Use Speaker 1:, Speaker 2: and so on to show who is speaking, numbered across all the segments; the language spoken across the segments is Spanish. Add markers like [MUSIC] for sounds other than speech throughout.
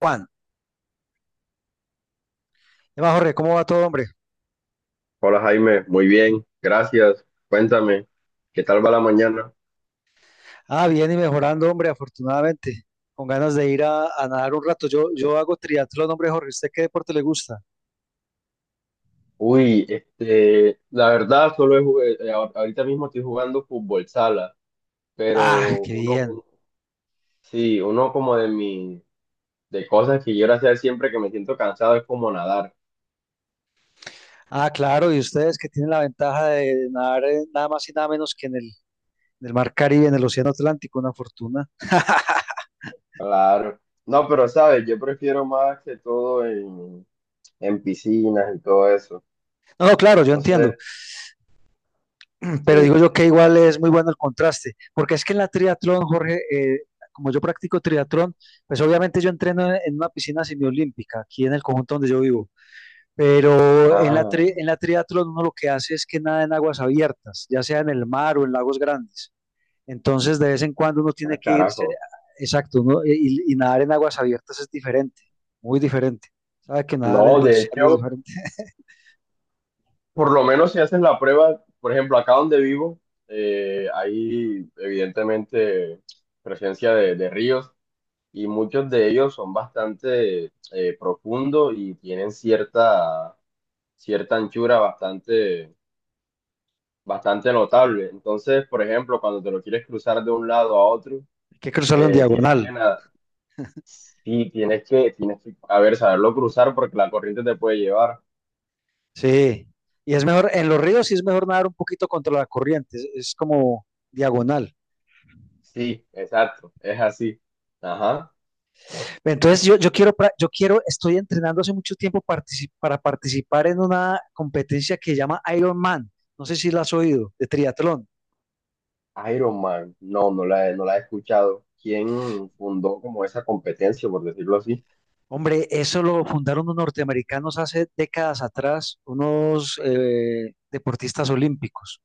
Speaker 1: Juan. ¿Qué más, Jorge? ¿Cómo va todo, hombre?
Speaker 2: Hola Jaime, muy bien, gracias. Cuéntame, ¿qué tal va la mañana?
Speaker 1: Ah, bien y mejorando, hombre, afortunadamente. Con ganas de ir a nadar un rato. Yo hago triatlón, hombre, Jorge. ¿Usted qué deporte le gusta?
Speaker 2: Uy, la verdad, solo he jug- ahor- ahorita mismo estoy jugando fútbol sala,
Speaker 1: Ah,
Speaker 2: pero
Speaker 1: qué bien.
Speaker 2: sí, uno como de cosas que quiero hacer siempre que me siento cansado es como nadar,
Speaker 1: Ah, claro, y ustedes que tienen la ventaja de nadar nada más y nada menos que en el mar Caribe, en el Océano Atlántico, una fortuna.
Speaker 2: claro. No, pero sabes, yo prefiero más que todo en piscinas y todo eso.
Speaker 1: No, no, claro, yo
Speaker 2: No sé,
Speaker 1: entiendo. [CLEARS THROAT] Pero
Speaker 2: sí.
Speaker 1: digo yo que igual es muy bueno el contraste, porque es que en la triatlón, Jorge, como yo practico triatlón, pues obviamente yo entreno en una piscina semiolímpica, aquí en el conjunto donde yo vivo. Pero en
Speaker 2: Ah,
Speaker 1: en la triatlón uno lo que hace es que nada en aguas abiertas, ya sea en el mar o en lagos grandes. Entonces de vez en cuando uno
Speaker 2: ah,
Speaker 1: tiene que irse,
Speaker 2: carajo.
Speaker 1: exacto, y nadar en aguas abiertas es diferente, muy diferente. Sabe que nadar en
Speaker 2: No,
Speaker 1: el
Speaker 2: de
Speaker 1: océano es
Speaker 2: hecho.
Speaker 1: diferente. [LAUGHS]
Speaker 2: Por lo menos si haces la prueba, por ejemplo, acá donde vivo, hay evidentemente presencia de ríos y muchos de ellos son bastante profundos y tienen cierta anchura bastante notable. Entonces, por ejemplo, cuando te lo quieres cruzar de un lado a otro,
Speaker 1: Hay que cruzarlo en
Speaker 2: tienes que
Speaker 1: diagonal,
Speaker 2: nadar. Sí, tienes que, a ver, saberlo cruzar porque la corriente te puede llevar.
Speaker 1: sí. Y es mejor, en los ríos sí es mejor nadar un poquito contra la corriente, es como diagonal.
Speaker 2: Sí, exacto, es así. Ajá.
Speaker 1: Entonces yo quiero, estoy entrenando hace mucho tiempo para participar en una competencia que se llama Ironman. No sé si la has oído, de triatlón.
Speaker 2: Iron Man, no la he escuchado. ¿Quién fundó como esa competencia, por decirlo así?
Speaker 1: Hombre, eso lo fundaron los norteamericanos hace décadas atrás, unos deportistas olímpicos.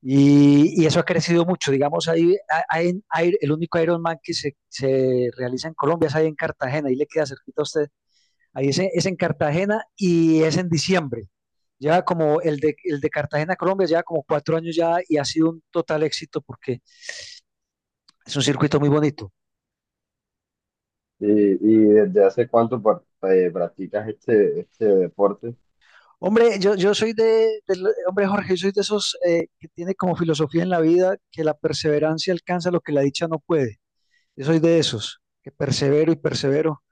Speaker 1: Y eso ha crecido mucho. Digamos, ahí a- hay, en- hay- el único Ironman que se realiza en Colombia es ahí en Cartagena, ahí le queda cerquita a usted. Es en Cartagena y es en diciembre. Ya como el de Cartagena, Colombia, ya como cuatro años ya y ha sido un total éxito porque es un circuito muy bonito.
Speaker 2: ¿Y, y desde hace cuánto par- practicas este deporte?
Speaker 1: Hombre, yo soy de, del- hombre Jorge, yo soy de esos que tiene como filosofía en la vida que la perseverancia alcanza lo que la dicha no puede. Yo soy de esos, que persevero y persevero.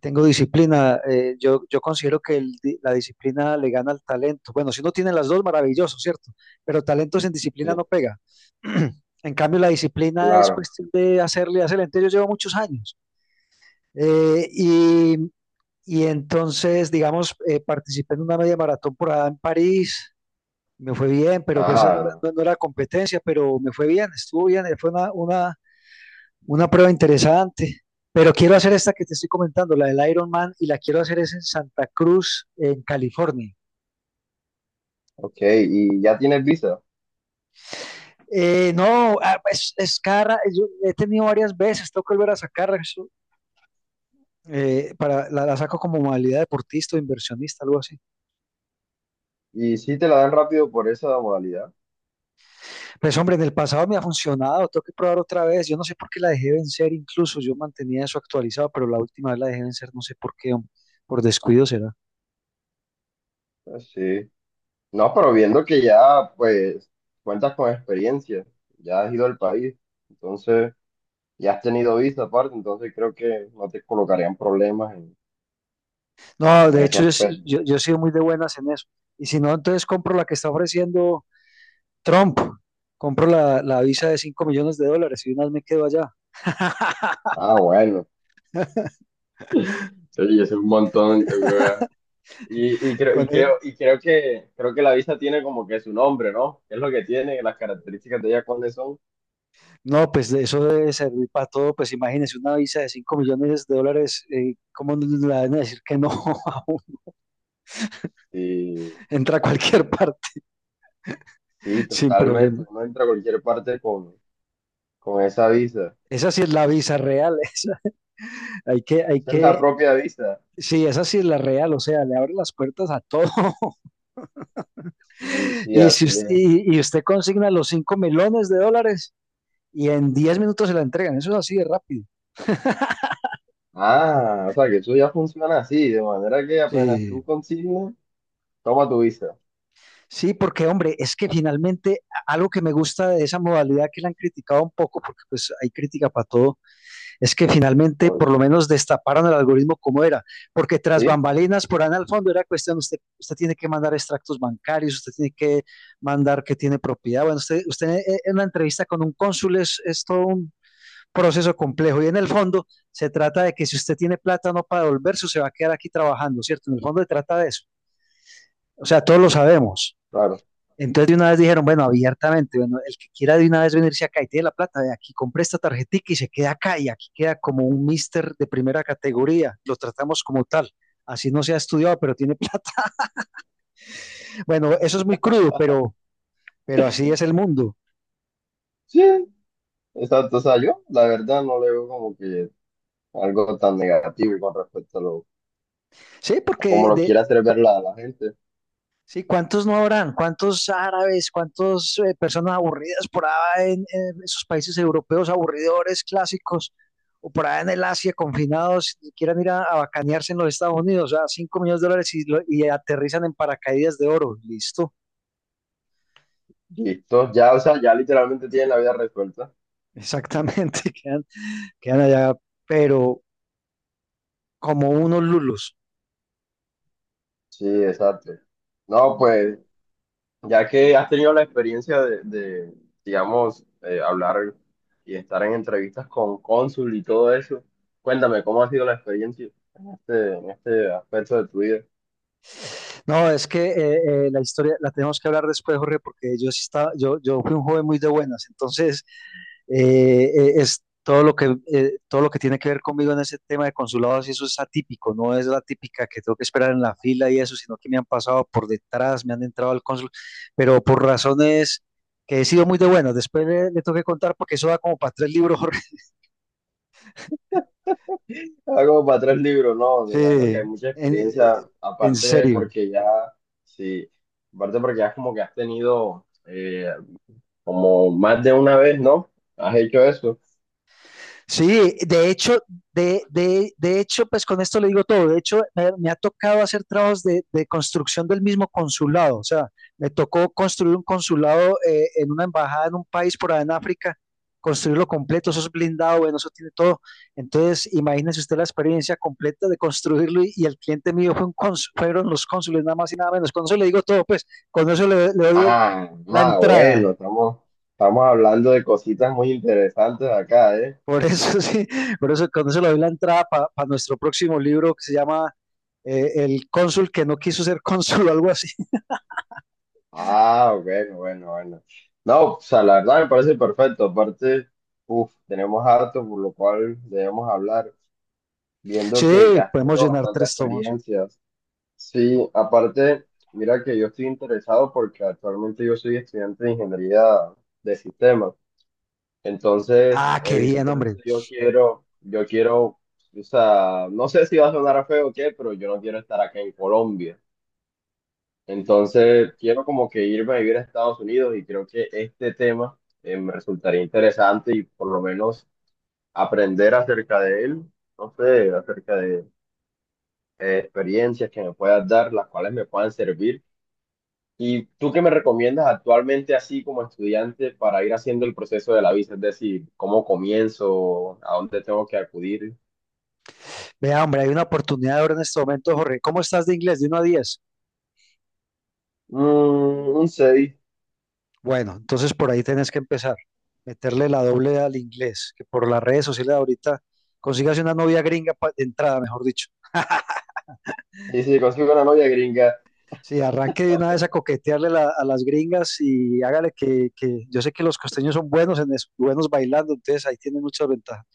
Speaker 1: Tengo disciplina. Yo considero que la disciplina le gana al talento. Bueno, si uno tiene las dos, maravilloso, ¿cierto? Pero talento sin
Speaker 2: Sí,
Speaker 1: disciplina no pega. [CLEARS THROAT] En cambio, la disciplina es
Speaker 2: claro.
Speaker 1: cuestión de hacerle, hacerle. Entonces, yo llevo muchos años. Eh, y, y entonces, digamos, participé en una media maratón por allá en París. Me fue bien, pero pues eso
Speaker 2: Ah,
Speaker 1: no era competencia, pero me fue bien, estuvo bien. Fue una prueba interesante, pero quiero hacer esta que te estoy comentando, la del Ironman, y la quiero hacer es en Santa Cruz, en California.
Speaker 2: ok. ¿Y ya tienes visa?
Speaker 1: No, ah, es cara, yo he tenido varias veces, tengo que volver a sacarla, eso, la saco como modalidad deportista o inversionista, algo así.
Speaker 2: ¿Y si te la dan rápido por esa modalidad?
Speaker 1: Pues hombre, en el pasado me ha funcionado, tengo que probar otra vez, yo no sé por qué la dejé vencer, incluso yo mantenía eso actualizado, pero la última vez la dejé vencer, no sé por qué, hombre, por descuido será.
Speaker 2: Ah, sí. No, pero viendo que ya, pues, cuentas con experiencia, ya has ido al país, entonces, ya has tenido visa aparte, entonces creo que no te colocarían problemas
Speaker 1: No,
Speaker 2: en
Speaker 1: de
Speaker 2: ese
Speaker 1: hecho,
Speaker 2: aspecto.
Speaker 1: yo he sido muy de buenas en eso. Y si no, entonces compro la que está ofreciendo Trump. Compro la visa de 5 millones de dólares y unas me quedo allá. [LAUGHS]
Speaker 2: Ah, bueno, sí, es un montón, weón. Y,
Speaker 1: Con e-
Speaker 2: creo que la vista tiene como que su nombre, ¿no? ¿Qué es lo que tiene? Las características de ella cuáles son.
Speaker 1: No, pues de eso debe servir para todo. Pues imagínese una visa de 5 millones de dólares, ¿cómo no le van a decir que no [LAUGHS] a uno?
Speaker 2: Sí,
Speaker 1: Entra a cualquier parte
Speaker 2: sí,
Speaker 1: [LAUGHS] sin
Speaker 2: totalmente.
Speaker 1: problema.
Speaker 2: Uno entra a cualquier parte con esa visa.
Speaker 1: Esa sí es la visa real. [LAUGHS] Esa. Hay
Speaker 2: Esa es la
Speaker 1: que,
Speaker 2: propia visa.
Speaker 1: sí, esa sí es la real. O sea, le abre las puertas a todo.
Speaker 2: Sí, sí,
Speaker 1: Y, si
Speaker 2: así
Speaker 1: us-
Speaker 2: es.
Speaker 1: y usted consigna los 5 millones de dólares y en 10 minutos se la entregan. Eso es así de rápido.
Speaker 2: Ah, o sea que eso ya funciona así, de manera que apenas
Speaker 1: Eh,
Speaker 2: tú consignes, toma tu visa.
Speaker 1: sí, porque hombre, es que finalmente algo que me gusta de esa modalidad que la han criticado un poco, porque pues hay crítica para todo, es que finalmente por
Speaker 2: Obvio.
Speaker 1: lo menos destaparon el algoritmo como era, porque tras
Speaker 2: Sí,
Speaker 1: bambalinas por ahí al fondo era cuestión, usted tiene que mandar extractos bancarios, usted tiene que mandar que tiene propiedad. Bueno, usted en una entrevista con un cónsul es todo un proceso complejo. Y en el fondo se trata de que si usted tiene plata no para devolverse, se va a quedar aquí trabajando, ¿cierto? En el fondo se trata de eso. O sea, todos lo sabemos.
Speaker 2: claro.
Speaker 1: Entonces de una vez dijeron, bueno, abiertamente, bueno, el que quiera de una vez venirse acá y tiene la plata, de aquí compre esta tarjetica y se queda acá y aquí queda como un mister de primera categoría, lo tratamos como tal, así no se ha estudiado, pero tiene [LAUGHS] plata. Bueno, eso es muy crudo, pero así es el mundo.
Speaker 2: Sí, exacto. O sea, yo la verdad no le veo como que algo tan negativo con respecto a lo
Speaker 1: Sí,
Speaker 2: como
Speaker 1: porque
Speaker 2: lo
Speaker 1: de,
Speaker 2: quiera hacer ver la gente.
Speaker 1: Sí, ¿cuántos no habrán? ¿Cuántos árabes? ¿Cuántas personas aburridas por allá en esos países europeos aburridores, clásicos? O por allá en el Asia, confinados, y quieran ir a bacanearse en los Estados Unidos, a 5 millones de dólares y, y aterrizan en paracaídas de oro. Listo,
Speaker 2: Listo, ya, o sea, ya literalmente tienen la vida resuelta.
Speaker 1: exactamente, [LAUGHS] quedan allá, pero como unos lulos.
Speaker 2: Sí, exacto. No, pues, ya que has tenido la experiencia digamos, hablar y estar en entrevistas con cónsul y todo eso, cuéntame, ¿cómo ha sido la experiencia en en este aspecto de tu vida?
Speaker 1: No, es que la historia la tenemos que hablar después, Jorge, porque yo sí estaba, yo fui un joven muy de buenas, entonces es todo lo que tiene que ver conmigo en ese tema de consulados y eso es atípico, no es la típica que tengo que esperar en la fila y eso, sino que me han pasado por detrás, me han entrado al cónsul, pero por razones que he sido muy de buenas. Después le tengo que contar porque eso da como para tres libros, Jorge. [LAUGHS]
Speaker 2: Algo para tres libros, ¿no?
Speaker 1: Sí,
Speaker 2: Me imagino que hay mucha
Speaker 1: en,
Speaker 2: experiencia,
Speaker 1: eh, en
Speaker 2: aparte
Speaker 1: serio.
Speaker 2: porque ya, sí, aparte porque ya como que has tenido como más de una vez, ¿no? ¿Has hecho eso?
Speaker 1: Sí, de hecho, de hecho, pues con esto le digo todo. De hecho, me ha tocado hacer trabajos de construcción del mismo consulado. O sea, me tocó construir un consulado en una embajada en un país por allá en África, construirlo completo. Eso es blindado, bueno, eso tiene todo. Entonces, imagínese usted la experiencia completa de construirlo y el cliente mío fue un fueron los cónsules, nada más y nada menos. Con eso le digo todo, pues, con eso le doy la entrada.
Speaker 2: Bueno, estamos hablando de cositas muy interesantes acá, ¿eh?
Speaker 1: Por eso [LAUGHS] sí, por eso con eso le doy la entrada para nuestro próximo libro que se llama El cónsul que no quiso ser cónsul o algo así. [LAUGHS]
Speaker 2: Ah, bueno, bueno, bueno. No, o sea, la verdad me parece perfecto. Aparte, uff, tenemos harto por lo cual debemos hablar, viendo
Speaker 1: Sí,
Speaker 2: que ya has
Speaker 1: podemos
Speaker 2: tenido
Speaker 1: llenar
Speaker 2: bastantes
Speaker 1: tres tomos.
Speaker 2: experiencias. Sí, aparte, mira que yo estoy interesado porque actualmente yo soy estudiante de ingeniería de sistemas. Entonces,
Speaker 1: Ah, qué bien, hombre.
Speaker 2: evidentemente yo quiero, o sea, no sé si va a sonar feo o qué, pero yo no quiero estar acá en Colombia. Entonces, quiero como que irme a vivir a Estados Unidos y creo que este tema me resultaría interesante y por lo menos aprender acerca de él, no sé, acerca de experiencias que me puedas dar, las cuales me puedan servir. ¿Y tú qué me recomiendas actualmente así como estudiante para ir haciendo el proceso de la visa? Es decir, ¿cómo comienzo? ¿A dónde tengo que acudir?
Speaker 1: Vea, hombre, hay una oportunidad ahora en este momento, Jorge. ¿Cómo estás de inglés? De uno a 10.
Speaker 2: Mm, un CEDI.
Speaker 1: Bueno, entonces por ahí tenés que empezar. Meterle la doble al inglés, que por las redes sociales ahorita consigas una novia gringa de entrada, mejor dicho.
Speaker 2: Sí, sí, consigo una novia gringa.
Speaker 1: Sí, arranque de una vez a coquetearle a las gringas y hágale que yo sé que los costeños son buenos en eso, buenos bailando, entonces ahí tienen muchas ventajas.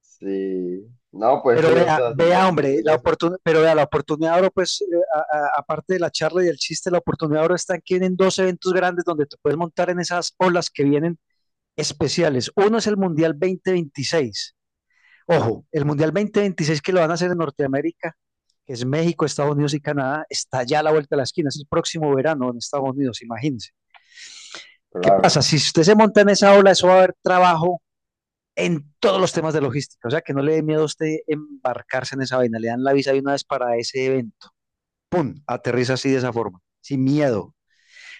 Speaker 2: Sí. No, pues
Speaker 1: Pero
Speaker 2: sí, o sea, siempre
Speaker 1: vea,
Speaker 2: nos
Speaker 1: hombre,
Speaker 2: dicen eso.
Speaker 1: la oportunidad ahora, pues, aparte de la charla y el chiste, la oportunidad ahora está en que vienen dos eventos grandes donde te puedes montar en esas olas que vienen especiales. Uno es el Mundial 2026. Ojo, el Mundial 2026 que lo van a hacer en Norteamérica, que es México, Estados Unidos y Canadá, está ya a la vuelta de la esquina, es el próximo verano en Estados Unidos, imagínense. ¿Qué pasa?
Speaker 2: Claro.
Speaker 1: Si usted se monta en esa ola, eso va a haber trabajo en todos los temas de logística. O sea, que no le dé miedo a usted embarcarse en esa vaina. Le dan la visa de una vez para ese evento. ¡Pum! Aterriza así de esa forma, sin miedo.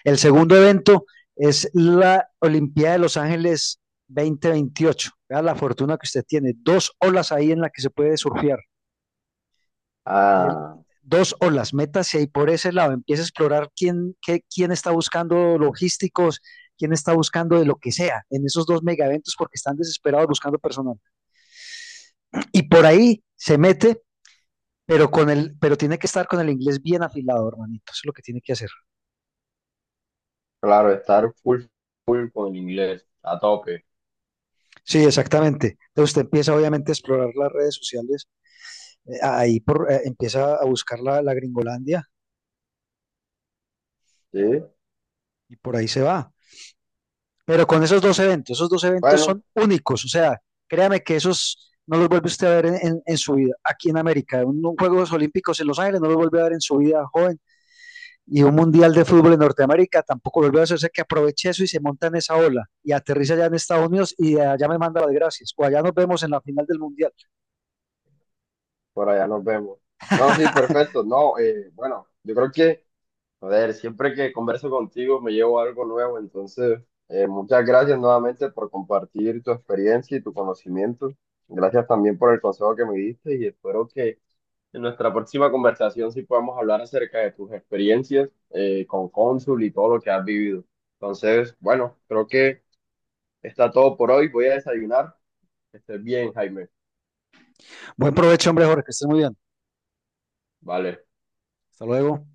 Speaker 1: El segundo evento es la Olimpiada de Los Ángeles 2028. Vea la fortuna que usted tiene. Dos olas ahí en las que se puede surfear. el-
Speaker 2: Ah,
Speaker 1: Dos o las metas y ahí por ese lado empieza a explorar quién, quién está buscando logísticos, quién está buscando de lo que sea en esos dos mega eventos porque están desesperados buscando personal. Y por ahí se mete, pero pero tiene que estar con el inglés bien afilado, hermanito. Eso es lo que tiene que hacer.
Speaker 2: claro, estar full, full con el inglés, a tope.
Speaker 1: Sí, exactamente. Entonces usted empieza obviamente a explorar las redes sociales, empieza a buscar la Gringolandia
Speaker 2: Sí.
Speaker 1: y por ahí se va. Pero con esos dos eventos
Speaker 2: Bueno,
Speaker 1: son únicos, o sea, créame que esos no los vuelve usted a ver en su vida aquí en América. Un Juegos Olímpicos en Los Ángeles no los vuelve a ver en su vida joven y un Mundial de Fútbol en Norteamérica tampoco lo vuelve a hacer, o sea, que aproveche eso y se monta en esa ola y aterriza allá en Estados Unidos y de allá me manda las gracias o allá nos vemos en la final del Mundial.
Speaker 2: por allá nos vemos. No, sí,
Speaker 1: [LAUGHS]
Speaker 2: perfecto. No, bueno, yo creo que... A ver, siempre que converso contigo me llevo algo nuevo, entonces muchas gracias nuevamente por compartir tu experiencia y tu conocimiento. Gracias también por el consejo que me diste y espero que en nuestra próxima conversación sí podamos hablar acerca de tus experiencias con Cónsul y todo lo que has vivido. Entonces, bueno, creo que está todo por hoy. Voy a desayunar. Que estés bien, Jaime.
Speaker 1: Buen provecho, hombre, Jorge, que estés muy bien.
Speaker 2: Vale.
Speaker 1: Hasta luego.